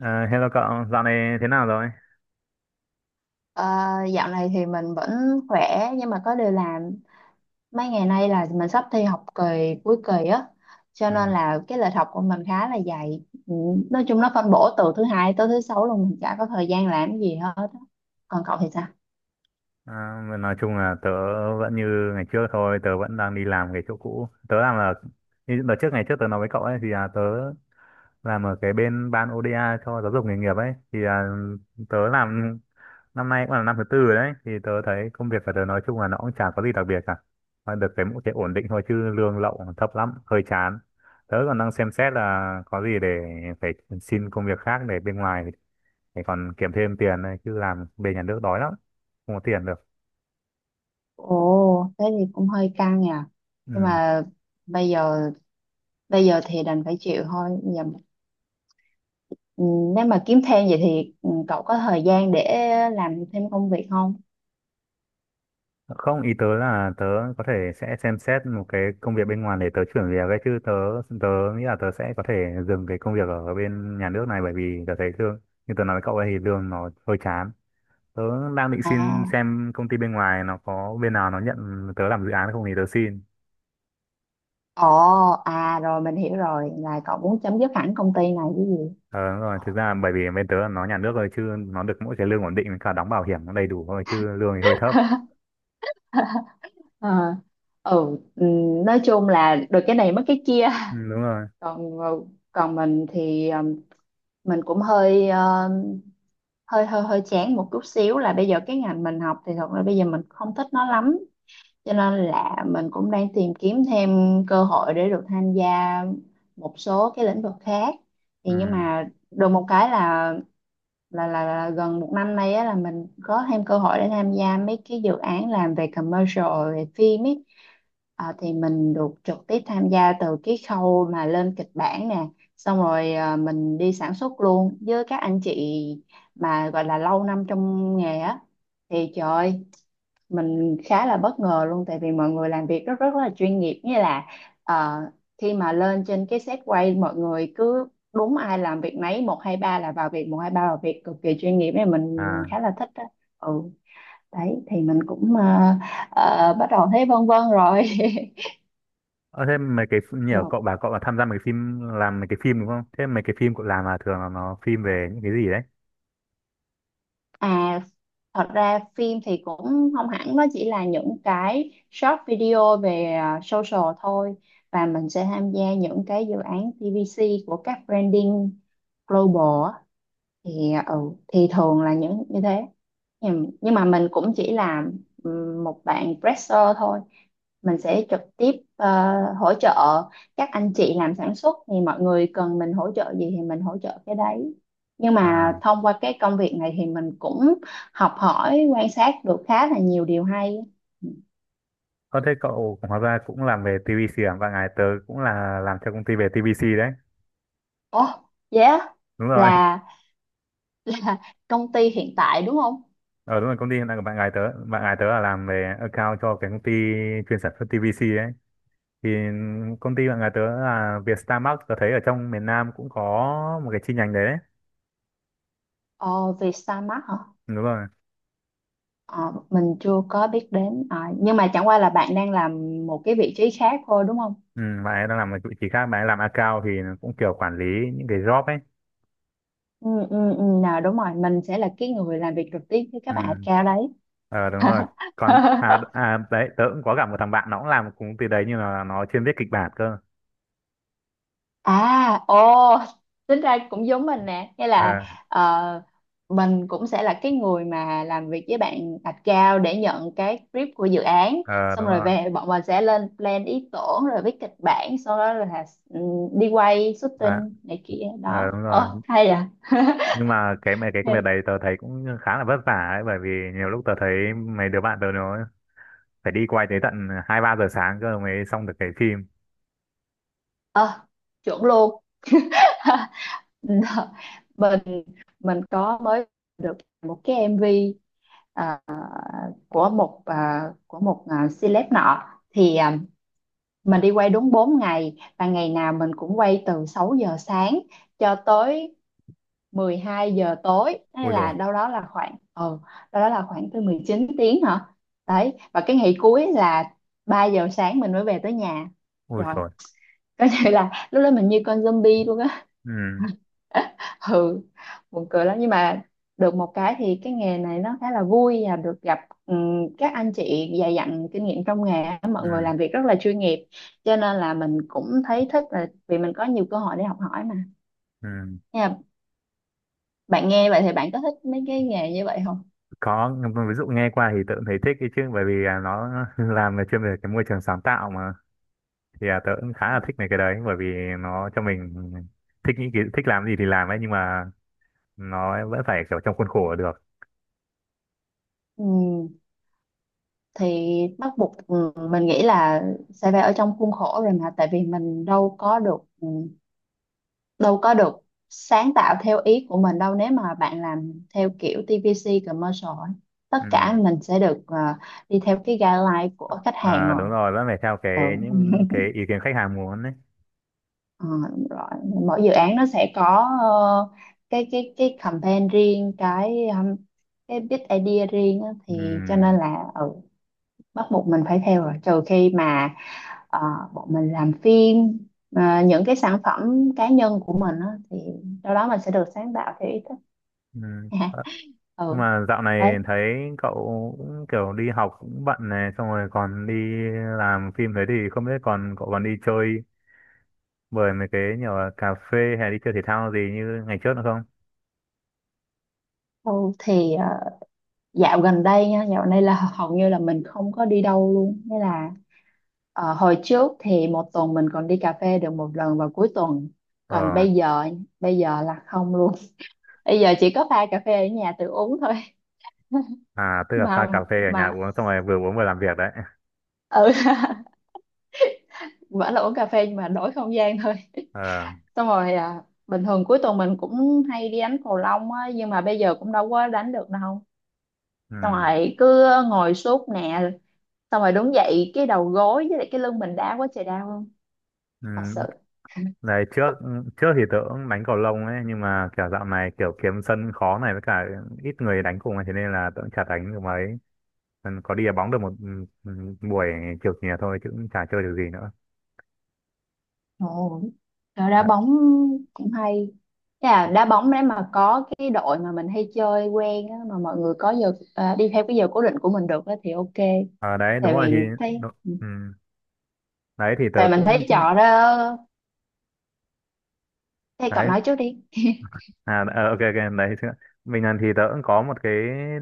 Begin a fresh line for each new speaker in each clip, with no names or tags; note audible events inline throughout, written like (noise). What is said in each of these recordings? À, hello cậu, dạo này thế nào rồi?
Ờ, Dạo này thì mình vẫn khỏe, nhưng mà có điều là mấy ngày nay là mình sắp thi học kỳ, cuối kỳ á, cho nên
Ừ.
là cái lịch học của mình khá là dày. Ừ, nói chung nó phân bổ từ thứ hai tới thứ sáu luôn, mình chả có thời gian làm cái gì hết á. Còn cậu thì sao?
À, mà nói chung là tớ vẫn như ngày trước thôi, tớ vẫn đang đi làm cái chỗ cũ. Tớ làm là, như đợt trước ngày trước tớ nói với cậu ấy, tớ làm ở cái bên ban ODA cho giáo dục nghề nghiệp ấy. Tớ làm năm nay cũng là năm thứ tư rồi đấy. Thì tớ thấy công việc của tớ nói chung là nó cũng chả có gì đặc biệt cả, mà được cái mỗi cái ổn định thôi, chứ lương lậu thấp lắm, hơi chán. Tớ còn đang xem xét là có gì để phải xin công việc khác để bên ngoài, để còn kiếm thêm tiền này, chứ làm bên nhà nước đói lắm, không có tiền được.
Ồ, thế thì cũng hơi căng nhỉ, nhưng
Ừ.
mà bây giờ bây giờ thì đành phải chịu thôi. giờ, ừ, nếu mà kiếm thêm vậy thì cậu có thời gian để làm thêm công việc không?
Không, ý tớ là tớ có thể sẽ xem xét một cái công việc bên ngoài để tớ chuyển việc ấy, chứ tớ tớ nghĩ là tớ sẽ có thể dừng cái công việc ở bên nhà nước này, bởi vì tớ thấy lương như tớ nói với cậu ấy thì lương nó hơi chán. Tớ đang định xin
À
xem công ty bên ngoài nó có bên nào nó nhận tớ làm dự án không thì tớ xin.
Ồ, à Rồi mình hiểu rồi, là cậu muốn chấm dứt hẳn công ty này chứ gì.
Ờ, đúng rồi, thực ra bởi vì bên tớ là nó nhà nước rồi, chứ nó được mỗi cái lương ổn định với cả đóng bảo hiểm nó đầy đủ thôi, chứ lương thì hơi thấp.
(laughs) Ờ, nói chung là được cái này mất cái kia.
Ừ,
(laughs)
đúng rồi.
Còn ờ, Còn mình thì mình cũng hơi ờ, hơi hơi hơi chán một chút xíu, là bây giờ cái ngành mình học thì thật ra bây giờ mình không thích nó lắm. Cho nên là mình cũng đang tìm kiếm thêm cơ hội để được tham gia một số cái lĩnh vực khác.
Ừ.
Thì nhưng mà được một cái là, là gần một năm nay á, là mình có thêm cơ hội để tham gia mấy cái dự án làm về commercial, về phim ấy. Thì mình được trực tiếp tham gia từ cái khâu mà lên kịch bản nè, xong rồi mình đi sản xuất luôn với các anh chị mà gọi là lâu năm trong nghề á. Thì trời ơi, mình khá là bất ngờ luôn, tại vì mọi người làm việc rất rất là chuyên nghiệp. Như là ờ, khi mà lên trên cái set quay, mọi người cứ đúng ai làm việc nấy, một hai ba là vào việc, một hai ba vào việc, cực kỳ chuyên nghiệp ấy. Mình
à
khá là thích đó. Ừ, đấy thì mình cũng bắt đầu thấy vân vân rồi. (laughs)
ờ, Thế mấy cái
Nhưng
nhờ
mà-
cậu bà cậu là tham gia mấy cái phim, làm mấy cái phim đúng không? Thế mấy cái phim cậu làm là thường là nó phim về những cái gì đấy?
à Thật ra phim thì cũng không hẳn, nó chỉ là những cái short video về social thôi, và mình sẽ tham gia những cái dự án TVC của các branding global á. thì ừ thì thường là những như thế. Nhưng mà mình cũng chỉ là một bạn presser thôi. Mình sẽ trực tiếp ờ, hỗ trợ các anh chị làm sản xuất, thì mọi người cần mình hỗ trợ gì thì mình hỗ trợ cái đấy. Nhưng mà
À,
thông qua cái công việc này thì mình cũng học hỏi, quan sát được khá là nhiều điều hay.
có thế cậu hóa ra cũng làm về TVC à? Và ngày tớ cũng là làm cho công ty về TVC đấy.
Ồ, yeah,
Đúng rồi.
là công ty hiện tại đúng không?
Ờ Đúng rồi, công ty hiện tại của bạn gái tớ, bạn gái tớ là làm về account cho cái công ty chuyên sản xuất TVC ấy. Thì công ty bạn gái tớ là Vietstarmark, tớ thấy ở trong miền Nam cũng có một cái chi nhánh đấy đấy.
Ồ, Vietstarmart hả?
Đúng rồi.
Ờ, mình chưa có biết đến. Ờ, nhưng mà chẳng qua là bạn đang làm một cái vị trí khác thôi đúng không?
Ừ, bạn ấy đang làm một vị trí khác, bạn ấy làm account thì cũng kiểu quản lý những cái job ấy.
Ừ, ừ, ừ, nào đúng rồi, mình sẽ là cái người làm việc trực tiếp với các bạn at
Ừ.
cao đấy.
Ờ, đúng rồi. Còn à,
(laughs)
à đấy tớ cũng có gặp một thằng bạn nó cũng làm một công ty đấy, nhưng mà nó chuyên viết kịch bản cơ.
à ồ Tính ra cũng giống mình nè, nghĩa là
Ờ.
ờ, mình cũng sẽ là cái người mà làm việc với bạn at cao để nhận cái brief của dự án,
Ờ
xong
đúng
rồi
rồi.
về bọn mình sẽ lên plan ý tưởng rồi viết kịch bản, sau đó là ừ, đi quay
à,
shooting này kia đó.
ờ đúng rồi,
Ờ Hay à.
nhưng mà cái công việc
Hey,
đấy tớ thấy cũng khá là vất vả ấy, bởi vì nhiều lúc tớ thấy mấy đứa bạn tớ nó phải đi quay tới tận hai ba giờ sáng cơ mới xong được cái phim.
chuẩn luôn. (laughs) mình mình có mới được một cái MV, à, của một celeb nọ. thì à, mình đi quay đúng 4 ngày, và ngày nào mình cũng quay từ 6 giờ sáng cho tới 12 giờ tối, hay
Ui rồi.
là đâu đó là khoảng, tới 19 tiếng hả. Đấy, và cái ngày cuối là 3 giờ sáng mình mới về tới nhà
Ui
rồi.
rồi.
Có thể là lúc đó mình như con zombie luôn.
Ừ.
(laughs) Ừ, buồn cười lắm, nhưng mà được một cái thì cái nghề này nó khá là vui, và được gặp các anh chị dày dặn kinh nghiệm trong nghề á, mọi
Ừ.
người làm việc rất là chuyên nghiệp. Cho nên là mình cũng thấy thích, là vì mình có nhiều cơ hội để học hỏi mà,
Ừ.
nha. Bạn nghe vậy thì bạn có thích mấy cái nghề như vậy không?
Có, ví dụ nghe qua thì tớ cũng thấy thích ấy chứ, bởi vì à, nó (laughs) làm về chuyên về cái môi trường sáng tạo mà. Tớ cũng khá là thích mấy cái đấy, bởi vì nó cho mình thích thích làm gì thì làm ấy, nhưng mà nó vẫn phải kiểu trong khuôn khổ được.
Ừm, thì bắt buộc mình nghĩ là sẽ phải ở trong khuôn khổ rồi mà, tại vì mình đâu có được sáng tạo theo ý của mình đâu nếu mà bạn làm theo kiểu TVC commercial ấy. Tất cả
Ừ.
mình sẽ được đi theo cái guideline của khách hàng
À, đúng
rồi.
rồi, vẫn phải theo
Ừ.
cái những
(laughs)
cái ý kiến khách hàng muốn đấy.
Ờ, đúng rồi, mỗi dự án nó sẽ có cái campaign riêng, cái big idea riêng á,
Ừ.
thì cho nên là bắt buộc mình phải theo rồi, trừ khi mà ờ, bọn mình làm phim, những cái sản phẩm cá nhân của mình á, thì đâu đó mình sẽ được sáng tạo theo ý thích.
Ừ. Ờ. Nhưng
Ừ,
mà dạo
đấy.
này thấy cậu cũng kiểu đi học cũng bận này, xong rồi còn đi làm phim thế, thì không biết còn cậu còn đi chơi bởi mấy cái nhiều là cà phê hay đi chơi thể thao gì như ngày trước nữa không?
Thôi thì dạo gần đây nha, dạo này là hầu như là mình không có đi đâu luôn, nghĩa là hồi trước thì một tuần mình còn đi cà phê được một lần vào cuối tuần, còn
Ờ.
bây giờ là không luôn. (laughs) Bây giờ chỉ có pha cà phê ở nhà tự uống thôi. (laughs)
À, tức là pha
mà
cà phê ở nhà
mà
uống, xong rồi vừa uống vừa làm việc đấy.
ừ (laughs) vẫn là uống cà phê nhưng mà đổi không gian thôi.
Ờ.
(laughs) Xong rồi bình thường cuối tuần mình cũng hay đi đánh cầu lông á, nhưng mà bây giờ cũng đâu có đánh được đâu,
Ừ.
xong rồi cứ ngồi suốt nè, xong rồi đúng vậy, cái đầu gối với lại cái lưng mình đau quá trời đau luôn,
Ừ.
thật sự.
Đấy trước, trước thì tớ cũng đánh cầu lông ấy, nhưng mà kiểu dạo này kiểu kiếm sân khó này, với cả ít người đánh cùng ấy, thế nên là tớ cũng chả đánh được mấy. Ừ, có đi đá bóng được một buổi chiều chiều thôi chứ cũng chả chơi được gì nữa.
Ồ, rồi đá
Đã-
bóng cũng hay. Thế là đá bóng đấy mà, có cái đội mà mình hay chơi quen á, mà mọi người có giờ, đi theo cái giờ cố định của mình được á thì OK,
ờ đấy đúng
tại
rồi, thì
vì thấy,
đú- ừ, đấy thì tớ
tại mình
cũng
thấy trò đó. Thế cậu
đấy.
nói trước đi.
À ờ, ok ok đấy chứ, mình lần thì tớ cũng có một cái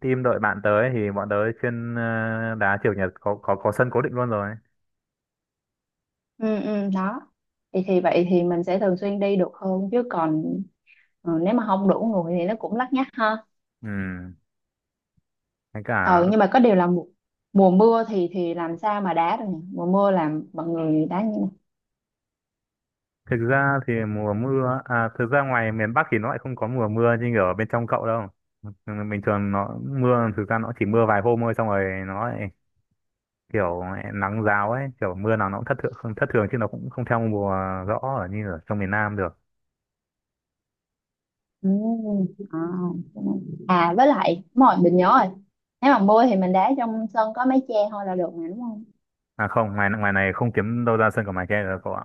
team đội bạn tớ ấy, thì bọn tớ chuyên đá chiều chủ nhật, có sân cố định luôn rồi.
Ừ, ừ, đó. Thì vậy thì mình sẽ thường xuyên đi được hơn, chứ còn ừ, nếu mà không đủ người thì nó cũng lắt nhắt ha.
Ừ. Với cả
Ờ, nhưng mà có điều là mùa mưa thì làm sao mà đá được nhỉ? Mùa mưa làm mọi người đá như này.
thực ra thì mùa mưa à, thực ra ngoài miền Bắc thì nó lại không có mùa mưa như ở bên trong cậu đâu. Ừ, bình thường nó mưa, thực ra nó chỉ mưa vài hôm thôi xong rồi nó lại kiểu nắng giáo ấy, kiểu mưa nào nó cũng thất thường, không thất thường chứ nó cũng không theo mùa rõ ở như ở trong miền Nam được.
À, cái này, với lại đúng rồi, mình nhớ rồi. Nếu mà mưa thì mình đá trong sân có mái che thôi là được mà đúng không?
À không, ngoài ngoài này không kiếm đâu ra sân cỏ mái che được cậu ạ,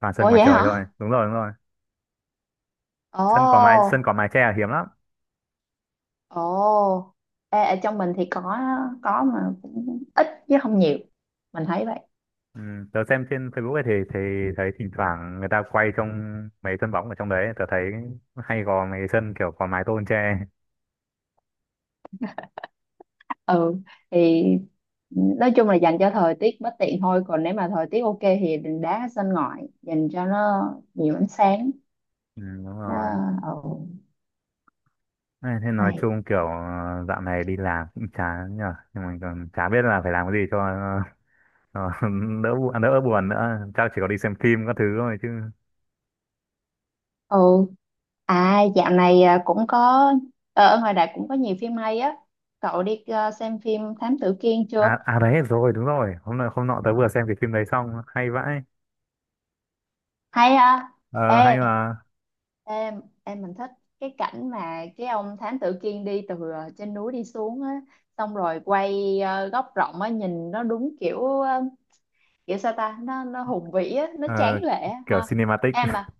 toàn sân
Ủa
ngoài
vậy
trời
hả?
thôi, đúng rồi đúng rồi.
Ồ,
Sân cỏ mái che là hiếm lắm.
ồ. Ê, ở trong mình thì có mà cũng ít chứ không nhiều. Mình thấy vậy.
Ừ, tớ xem trên Facebook ấy thì thấy thỉnh thoảng người ta quay trong mấy sân bóng ở trong đấy, tớ thấy hay có mấy sân kiểu cỏ mái tôn che.
Ừ, thì nói chung là dành cho thời tiết bất tiện thôi, còn nếu mà thời tiết OK thì đừng đá ở sân ngoại, dành cho nó nhiều ánh sáng.
Ừ, đúng
Đó,
rồi.
ừ.
Thế thế nói
Hay.
chung kiểu ờ, dạo này đi làm cũng chán nhờ, nhưng mà còn chả biết là phải làm cái gì cho ờ, (laughs) đỡ đỡ buồn nữa, chắc chỉ có đi xem phim các thứ thôi chứ.
Ừ. À dạo này cũng có ở ngoài đại cũng có nhiều phim hay á. Cậu đi xem phim Thám Tử Kiên chưa?
À, đấy rồi đúng rồi, hôm nọ tớ vừa xem cái phim đấy xong, hay vãi.
Hay ha.
Ờ, hay
Ê,
mà.
em mình thích cái cảnh mà cái ông Thám Tử Kiên đi từ trên núi đi xuống á, xong rồi quay góc rộng á, nhìn nó đúng kiểu kiểu sao ta, nó hùng vĩ á, nó
Ờ,
tráng lệ á
kiểu
ha.
cinematic.
Em à.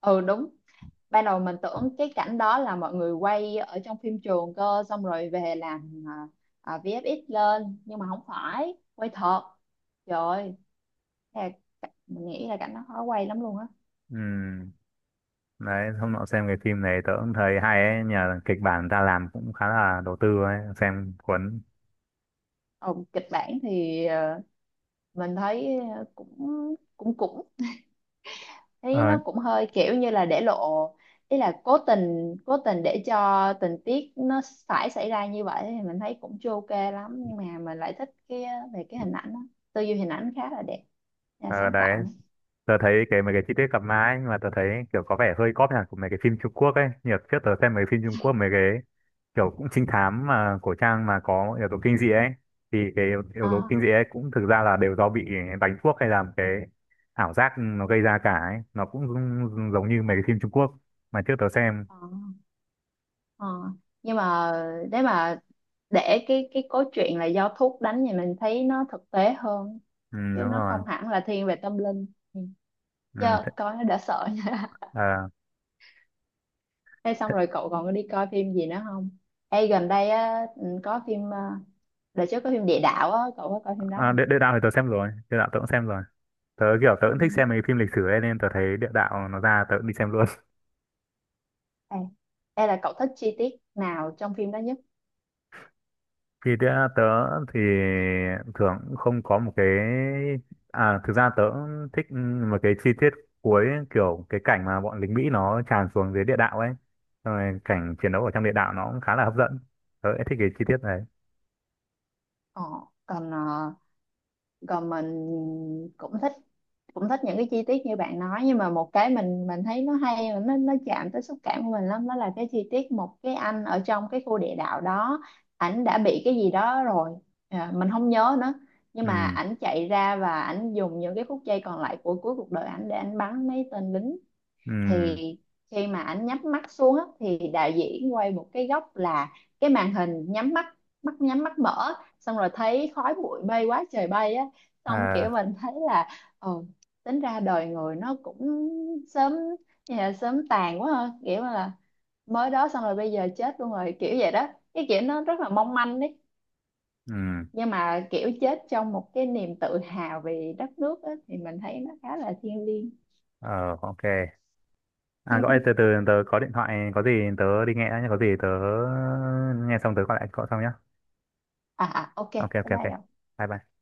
Ừ đúng. Ban đầu mình tưởng cái cảnh đó là mọi người quay ở trong phim trường cơ, xong rồi về làm VFX lên, nhưng mà không phải quay thật. Trời ơi, thiệt, mình nghĩ là cảnh nó khó quay lắm luôn á.
(laughs) Ừ. Đấy hôm nọ xem cái phim này tớ cũng thấy hay ấy nhờ, kịch bản người ta làm cũng khá là đầu tư ấy, xem cuốn.
Ờ, kịch bản thì mình thấy cũng cũng cũng thấy
Ờ.
nó cũng hơi kiểu như là để lộ ý, là cố tình để cho tình tiết nó phải xảy ra như vậy, thì mình thấy cũng chưa OK lắm, nhưng mà mình lại thích cái về cái hình ảnh đó. Tư duy hình ảnh khá là đẹp, nhà
Ờ.
sáng
Đấy,
tạo
tớ thấy cái mấy cái chi tiết cặp má ấy, nhưng mà tớ thấy kiểu có vẻ hơi cóp nhỉ của mấy cái phim Trung Quốc ấy, nhiều trước tớ xem mấy phim Trung Quốc mấy cái kiểu cũng trinh thám mà cổ trang mà có yếu tố kinh dị ấy, thì cái yếu yếu
ờ
tố kinh dị ấy cũng thực ra là đều do bị đánh thuốc hay là một cái ảo giác nó gây ra cả ấy, nó cũng giống giống như mấy cái phim Trung Quốc mà trước tớ xem.
ờ ờ. Nhưng mà để mà để cái cốt truyện là do thuốc đánh thì mình thấy nó thực tế hơn,
Ừ,
chứ
đúng
nó
rồi.
không hẳn là thiên về tâm linh. Ừ.
ừ,
Chứ
th
coi nó đã sợ nha.
à,
(laughs) Thế xong
th
rồi cậu còn có đi coi phim gì nữa không? Ê gần đây á, có phim đợt trước có phim địa đạo á, cậu có coi phim đó không?
Địa đạo thì tớ xem rồi, địa đạo tớ cũng xem rồi, tớ
Ừ.
cũng thích xem mấy cái phim lịch sử ấy nên tớ thấy địa đạo nó ra tớ cũng đi xem luôn.
Ê, ê là cậu thích chi tiết nào trong phim đó nhất?
Thì tớ thì thường cũng không có một cái, à thực ra tớ cũng thích một cái chi tiết cuối kiểu cái cảnh mà bọn lính Mỹ nó tràn xuống dưới địa đạo ấy, xong rồi cảnh chiến đấu ở trong địa đạo nó cũng khá là hấp dẫn, tớ lại thích cái chi tiết này.
Ờ, còn ờ, còn mình cũng thích, cũng thích những cái chi tiết như bạn nói, nhưng mà một cái mình thấy nó hay và nó chạm tới xúc cảm của mình lắm, đó là cái chi tiết một cái anh ở trong cái khu địa đạo đó, ảnh đã bị cái gì đó rồi, mình không nhớ nữa, nhưng mà
Ừ.
ảnh chạy ra và ảnh dùng những cái phút giây còn lại của cuối cuộc đời ảnh để ảnh bắn mấy tên lính.
Ừ.
Thì khi mà ảnh nhắm mắt xuống á, thì đạo diễn quay một cái góc là cái màn hình nhắm mắt, mắt nhắm mắt mở, xong rồi thấy khói bụi bay quá trời bay á, xong kiểu
À.
mình thấy là ừ, tính ra đời người nó cũng sớm, như sớm tàn quá ha, kiểu là mới đó xong rồi bây giờ chết luôn rồi kiểu vậy đó, cái kiểu nó rất là mong manh đấy.
Ừ.
Nhưng mà kiểu chết trong một cái niềm tự hào về đất nước á, thì mình thấy nó khá là thiêng liêng.
Ờ ok. À gọi từ
(laughs)
từ tớ có điện thoại, có gì tớ đi nghe đã nhé, có gì tớ nghe xong tớ gọi lại cậu sau nhé.
OK
Ok ok
bye,
ok.
bye cậu.
Bye bye.